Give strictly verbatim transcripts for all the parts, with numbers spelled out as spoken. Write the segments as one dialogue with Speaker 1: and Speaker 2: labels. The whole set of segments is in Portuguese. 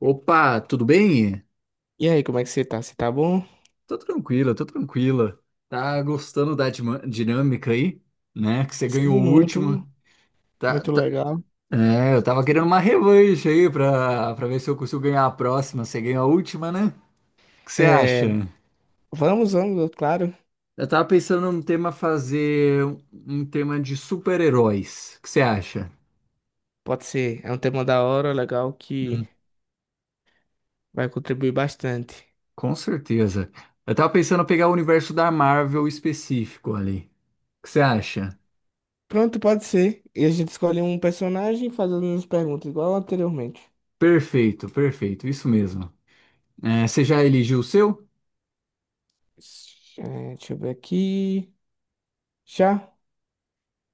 Speaker 1: Opa, tudo bem?
Speaker 2: E aí, como é que você tá? Você tá bom?
Speaker 1: Tô tranquila, tô tranquila. Tá gostando da dima- dinâmica aí, né? Que você ganhou
Speaker 2: Sim,
Speaker 1: o último.
Speaker 2: muito,
Speaker 1: Tá,
Speaker 2: muito
Speaker 1: tá-
Speaker 2: legal.
Speaker 1: É, eu tava querendo uma revanche aí pra, pra ver se eu consigo ganhar a próxima. Você ganhou a última, né? O que você
Speaker 2: É,
Speaker 1: acha?
Speaker 2: vamos, vamos, claro.
Speaker 1: Eu tava pensando num tema fazer um tema de super-heróis. O que você acha?
Speaker 2: Pode ser. É um tema da hora, legal, que
Speaker 1: Hum.
Speaker 2: vai contribuir bastante.
Speaker 1: Com certeza. Eu tava pensando em pegar o universo da Marvel específico ali. O que você acha?
Speaker 2: Pronto, pode ser. E a gente escolhe um personagem fazendo as perguntas, igual anteriormente.
Speaker 1: Perfeito, perfeito, isso mesmo. É, você já eligiu o seu?
Speaker 2: É, deixa eu ver aqui. Já?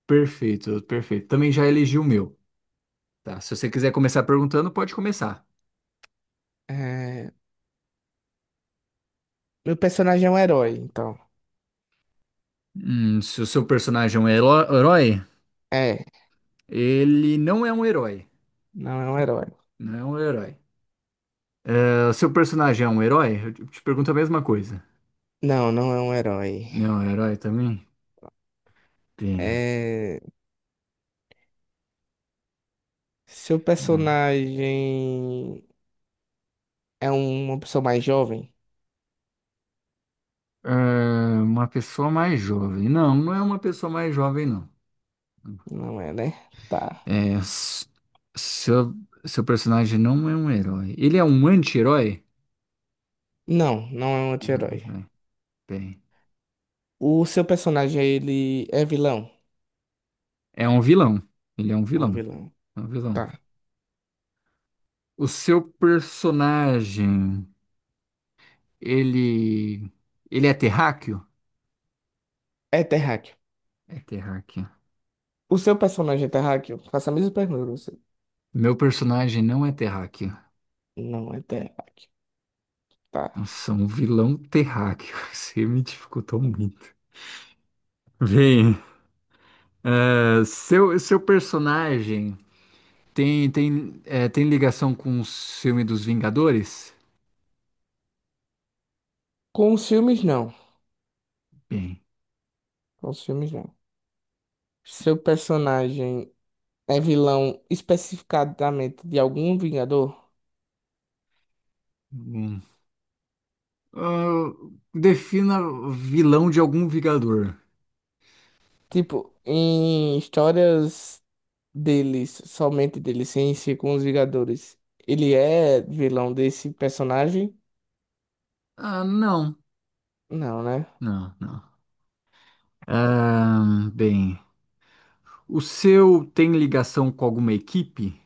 Speaker 1: Perfeito, perfeito. Também já elegi o meu. Tá, se você quiser começar perguntando, pode começar.
Speaker 2: É, meu personagem é um herói, então.
Speaker 1: Hum, se o seu personagem é um heró- herói,
Speaker 2: É,
Speaker 1: ele não é um herói.
Speaker 2: não é um herói.
Speaker 1: Não é um herói. Ah, o seu personagem é um herói? Eu te te pergunto a mesma coisa.
Speaker 2: Não, não é um herói.
Speaker 1: Não, é um herói também? Tem.
Speaker 2: É, seu
Speaker 1: Vamos lá.
Speaker 2: personagem. É uma pessoa mais jovem?
Speaker 1: É, uma pessoa mais jovem. Não, não é uma pessoa mais jovem, não.
Speaker 2: Não é, né? Tá.
Speaker 1: É, s- seu, seu personagem não é um herói. Ele é um anti-herói?
Speaker 2: Não, não é um
Speaker 1: Uhum,
Speaker 2: anti-herói.
Speaker 1: é. Bem.
Speaker 2: O seu personagem, ele é vilão?
Speaker 1: É um vilão. Ele é um
Speaker 2: É um
Speaker 1: vilão.
Speaker 2: vilão.
Speaker 1: É um vilão.
Speaker 2: Tá.
Speaker 1: O seu personagem, ele. Ele é terráqueo?
Speaker 2: É terráqueo.
Speaker 1: É terráqueo.
Speaker 2: O seu personagem é terráqueo? Faça a mesma pergunta pra você.
Speaker 1: Meu personagem não é terráqueo.
Speaker 2: Não é terráqueo. Tá.
Speaker 1: Nossa, um vilão terráqueo. Você me dificultou muito. Bem, é, seu, seu personagem tem, tem, é, tem ligação com o filme dos Vingadores?
Speaker 2: Com os filmes, não.
Speaker 1: Bem.
Speaker 2: Com os filmes, não. Seu personagem é vilão especificadamente de algum Vingador?
Speaker 1: Hum. Ah, defina vilão de algum Vingador.
Speaker 2: Tipo, em histórias deles, somente dele, sem ser com os Vingadores, ele é vilão desse personagem?
Speaker 1: Ah, não.
Speaker 2: Não, né?
Speaker 1: Não, não. Ahn, bem, o seu tem ligação com alguma equipe?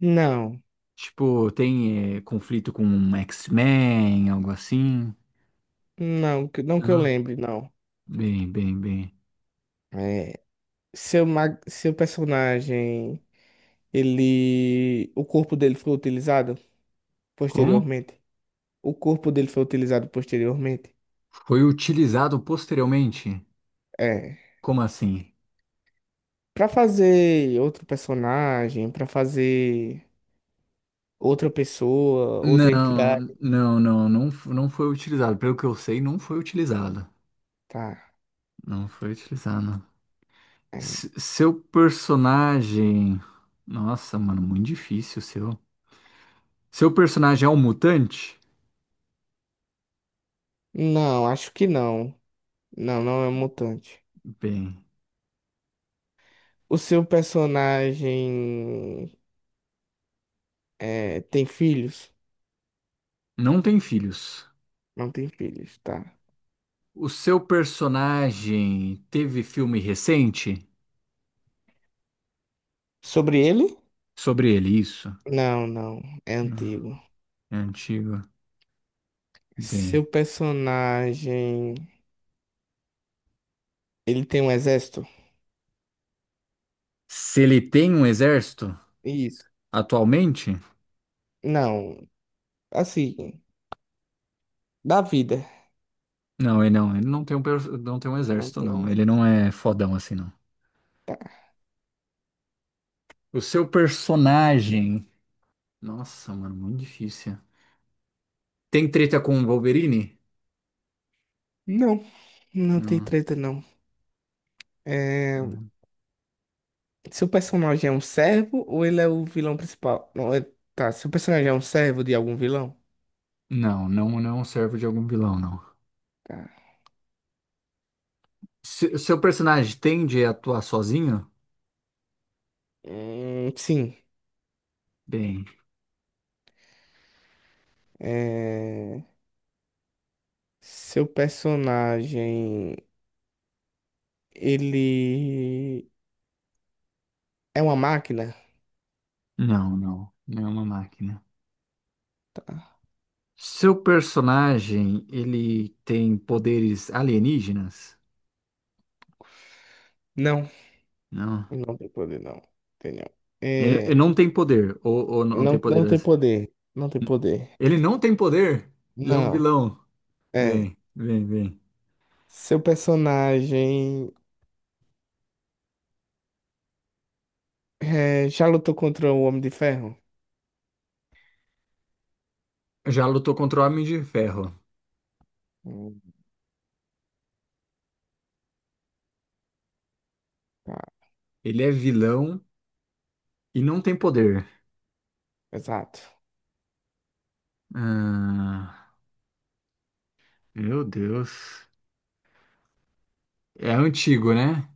Speaker 2: Não,
Speaker 1: Tipo, tem eh, conflito com um X-Men, algo assim?
Speaker 2: não, que- não que eu
Speaker 1: Não.
Speaker 2: lembre, não.
Speaker 1: Bem, bem, bem.
Speaker 2: É, seu, mag- seu personagem, ele, o corpo dele foi utilizado
Speaker 1: Como?
Speaker 2: posteriormente? O corpo dele foi utilizado posteriormente?
Speaker 1: Foi utilizado posteriormente?
Speaker 2: É.
Speaker 1: Como assim?
Speaker 2: Pra fazer outro personagem, pra fazer outra pessoa, outra
Speaker 1: Não,
Speaker 2: entidade,
Speaker 1: não, não, não, f- não foi utilizado. Pelo que eu sei, não foi utilizado.
Speaker 2: tá.
Speaker 1: Não foi utilizado.
Speaker 2: É.
Speaker 1: Se- seu personagem. Nossa, mano, muito difícil o seu. Seu personagem é um mutante?
Speaker 2: Não, acho que não. Não, não é um mutante.
Speaker 1: Bem.
Speaker 2: O seu personagem é, tem filhos?
Speaker 1: Não tem filhos.
Speaker 2: Não tem filhos, tá.
Speaker 1: O seu personagem teve filme recente
Speaker 2: Sobre ele?
Speaker 1: sobre ele, isso?
Speaker 2: Não, não. É
Speaker 1: Não.
Speaker 2: antigo.
Speaker 1: É antigo. Bem.
Speaker 2: Seu personagem. Ele tem um exército?
Speaker 1: Se ele tem um exército
Speaker 2: Isso.
Speaker 1: atualmente?
Speaker 2: Não. Assim, da vida.
Speaker 1: Não, ele não. Ele não tem um, per- não tem um
Speaker 2: Não
Speaker 1: exército,
Speaker 2: tem um
Speaker 1: não. Ele
Speaker 2: exército.
Speaker 1: não é fodão assim, não.
Speaker 2: Tá.
Speaker 1: O seu personagem. Nossa, mano, muito difícil. Tem treta com o Wolverine?
Speaker 2: Não, não tem
Speaker 1: Não.
Speaker 2: treta, não. É... Seu personagem é um servo ou ele é o vilão principal? Não, é... Tá. Seu personagem é um servo de algum vilão?
Speaker 1: Não, não, não serve de algum vilão, não.
Speaker 2: Tá.
Speaker 1: Se- o seu personagem tende a atuar sozinho?
Speaker 2: Hum, sim.
Speaker 1: Bem.
Speaker 2: É, seu personagem, ele é uma máquina?
Speaker 1: Não, não. Não é uma máquina.
Speaker 2: Tá.
Speaker 1: Seu personagem, ele tem poderes alienígenas?
Speaker 2: Não,
Speaker 1: Não.
Speaker 2: não tem poder, não. Tem não.
Speaker 1: Ele, ele
Speaker 2: É,
Speaker 1: não tem poder. Ou, ou não tem
Speaker 2: não, não tem
Speaker 1: poderes.
Speaker 2: poder. Não tem poder.
Speaker 1: Ele não tem poder e é um
Speaker 2: Não.
Speaker 1: vilão.
Speaker 2: É.
Speaker 1: Bem, bem, bem.
Speaker 2: Seu personagem é, já lutou contra o Homem de Ferro?
Speaker 1: Já lutou contra o Homem de Ferro.
Speaker 2: Hum, Tá,
Speaker 1: Ele é vilão e não tem poder.
Speaker 2: exato.
Speaker 1: Ah, meu Deus. É antigo, né?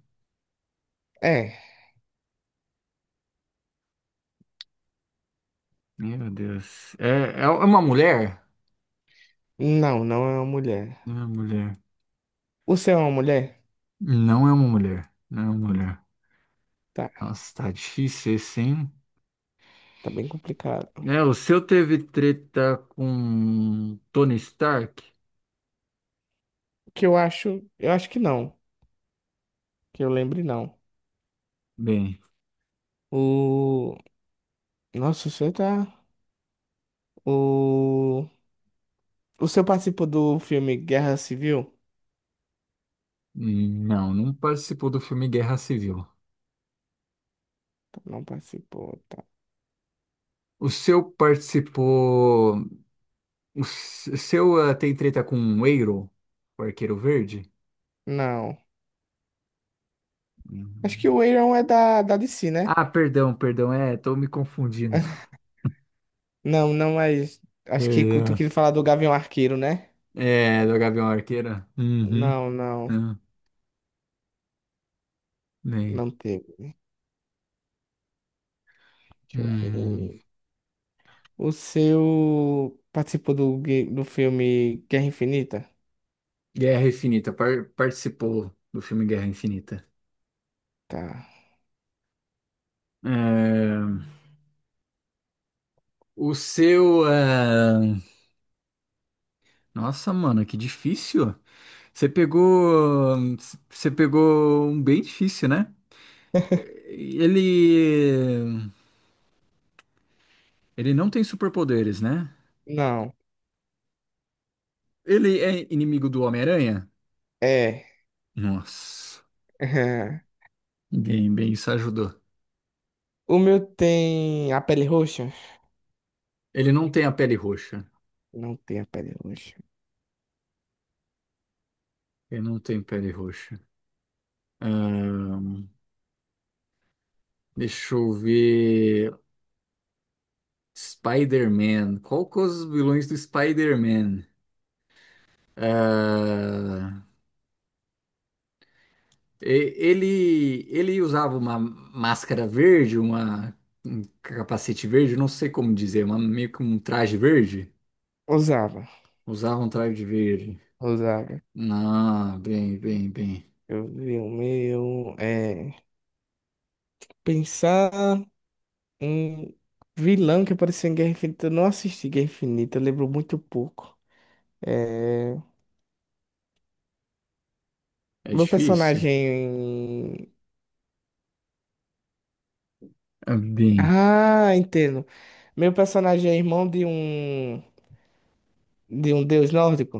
Speaker 2: É.
Speaker 1: Meu Deus. É, é uma mulher?
Speaker 2: Não, não é uma mulher.
Speaker 1: Não é uma mulher.
Speaker 2: O seu é uma mulher?
Speaker 1: Não é uma mulher. Não é uma mulher.
Speaker 2: Tá,
Speaker 1: Nossa, tá difícil esse, hein?
Speaker 2: tá bem complicado.
Speaker 1: É, o seu teve treta com Tony Stark?
Speaker 2: Que eu acho, eu acho que não. Que eu lembre, não.
Speaker 1: Bem,
Speaker 2: O... Nossa, você tá. O... o senhor participou do filme Guerra Civil?
Speaker 1: não, não participou do filme Guerra Civil.
Speaker 2: Não participou, tá.
Speaker 1: O seu participou. O seu ah, tem treta com o Eiro, o Arqueiro Verde?
Speaker 2: Não. Acho que
Speaker 1: Hum.
Speaker 2: o Iron é da, da D C, né?
Speaker 1: Ah, perdão, perdão, é, tô me confundindo.
Speaker 2: Não, não, mas. Acho que tu
Speaker 1: Perdão.
Speaker 2: queria falar do Gavião Arqueiro, né?
Speaker 1: É, do Gavião Arqueira? Uhum.
Speaker 2: Não, não.
Speaker 1: Não, bem.
Speaker 2: Não teve. Deixa eu
Speaker 1: Hum.
Speaker 2: ver. O seu participou do, gue- do filme Guerra Infinita?
Speaker 1: Guerra Infinita, par- participou do filme Guerra Infinita.
Speaker 2: Tá.
Speaker 1: É, o seu. É, nossa, mano, que difícil. Você pegou. Você pegou um bem difícil, né? Ele. Ele não tem superpoderes, né?
Speaker 2: Não.
Speaker 1: Ele é inimigo do Homem-Aranha?
Speaker 2: É.
Speaker 1: Nossa, bem, bem, isso ajudou.
Speaker 2: O meu tem a pele roxa?
Speaker 1: Ele não tem a pele roxa.
Speaker 2: Não tem a pele roxa.
Speaker 1: Ele não tem pele roxa. Ahn, deixa eu ver. Spider-Man. Qual que é os vilões do Spider-Man? Ah, E- ele, ele usava uma máscara verde, uma, um capacete verde, não sei como dizer, uma, meio que um traje verde.
Speaker 2: Usava.
Speaker 1: Usava um traje verde.
Speaker 2: Usava.
Speaker 1: Não, bem, bem, bem.
Speaker 2: Eu vi o meu. É. Pensar um vilão que apareceu em Guerra Infinita. Eu não assisti Guerra Infinita, eu lembro muito pouco. É.
Speaker 1: É
Speaker 2: Meu
Speaker 1: difícil?
Speaker 2: personagem.
Speaker 1: É. Bem,
Speaker 2: Ah, entendo. Meu personagem é irmão de um. De um deus nórdico?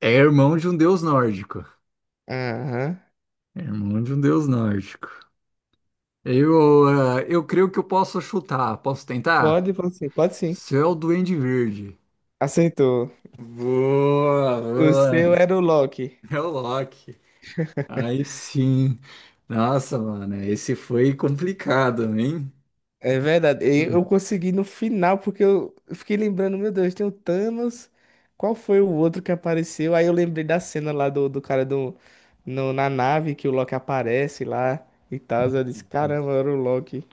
Speaker 1: é irmão de um deus nórdico.
Speaker 2: Aham.
Speaker 1: É irmão de um deus nórdico. Eu, ah, eu creio que eu posso chutar. Posso tentar?
Speaker 2: Pode, pode sim, pode sim.
Speaker 1: Céu Duende Verde.
Speaker 2: Aceitou.
Speaker 1: Boa,
Speaker 2: O seu
Speaker 1: boa.
Speaker 2: era o Loki.
Speaker 1: É o Loki. Aí sim. Nossa, mano, esse foi complicado, hein?
Speaker 2: É verdade. E eu consegui no final, porque eu eu fiquei lembrando, meu Deus, tem o Thanos. Qual foi o outro que apareceu? Aí eu lembrei da cena lá do, do cara do, no, na nave que o Loki aparece lá e tal. Eu disse, caramba, era o Loki.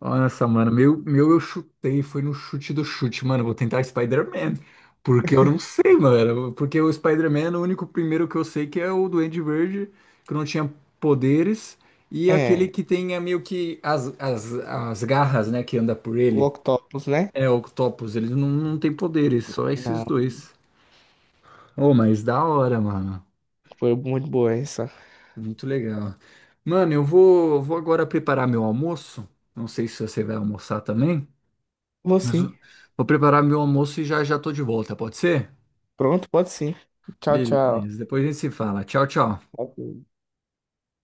Speaker 1: Nossa, mano, meu, meu eu chutei, foi no chute do chute, mano. Vou tentar Spider-Man, porque eu não sei, mano. Porque o Spider-Man, o único primeiro que eu sei que é o Duende Verde, que não tinha poderes, e aquele
Speaker 2: É,
Speaker 1: que tem é, meio que as, as, as garras, né, que anda por
Speaker 2: o
Speaker 1: ele.
Speaker 2: Octopus, né?
Speaker 1: É, Octopus, eles não, não têm poderes, só esses
Speaker 2: Não,
Speaker 1: dois. Oh, mas da hora, mano.
Speaker 2: foi muito boa essa.
Speaker 1: Muito legal. Mano, eu vou, vou agora preparar meu almoço. Não sei se você vai almoçar também,
Speaker 2: Vou
Speaker 1: mas
Speaker 2: sim.
Speaker 1: eu vou preparar meu almoço e já já tô de volta, pode ser?
Speaker 2: Pronto, pode sim. Tchau, tchau.
Speaker 1: Beleza, depois a gente se fala. Tchau, tchau.
Speaker 2: Ok.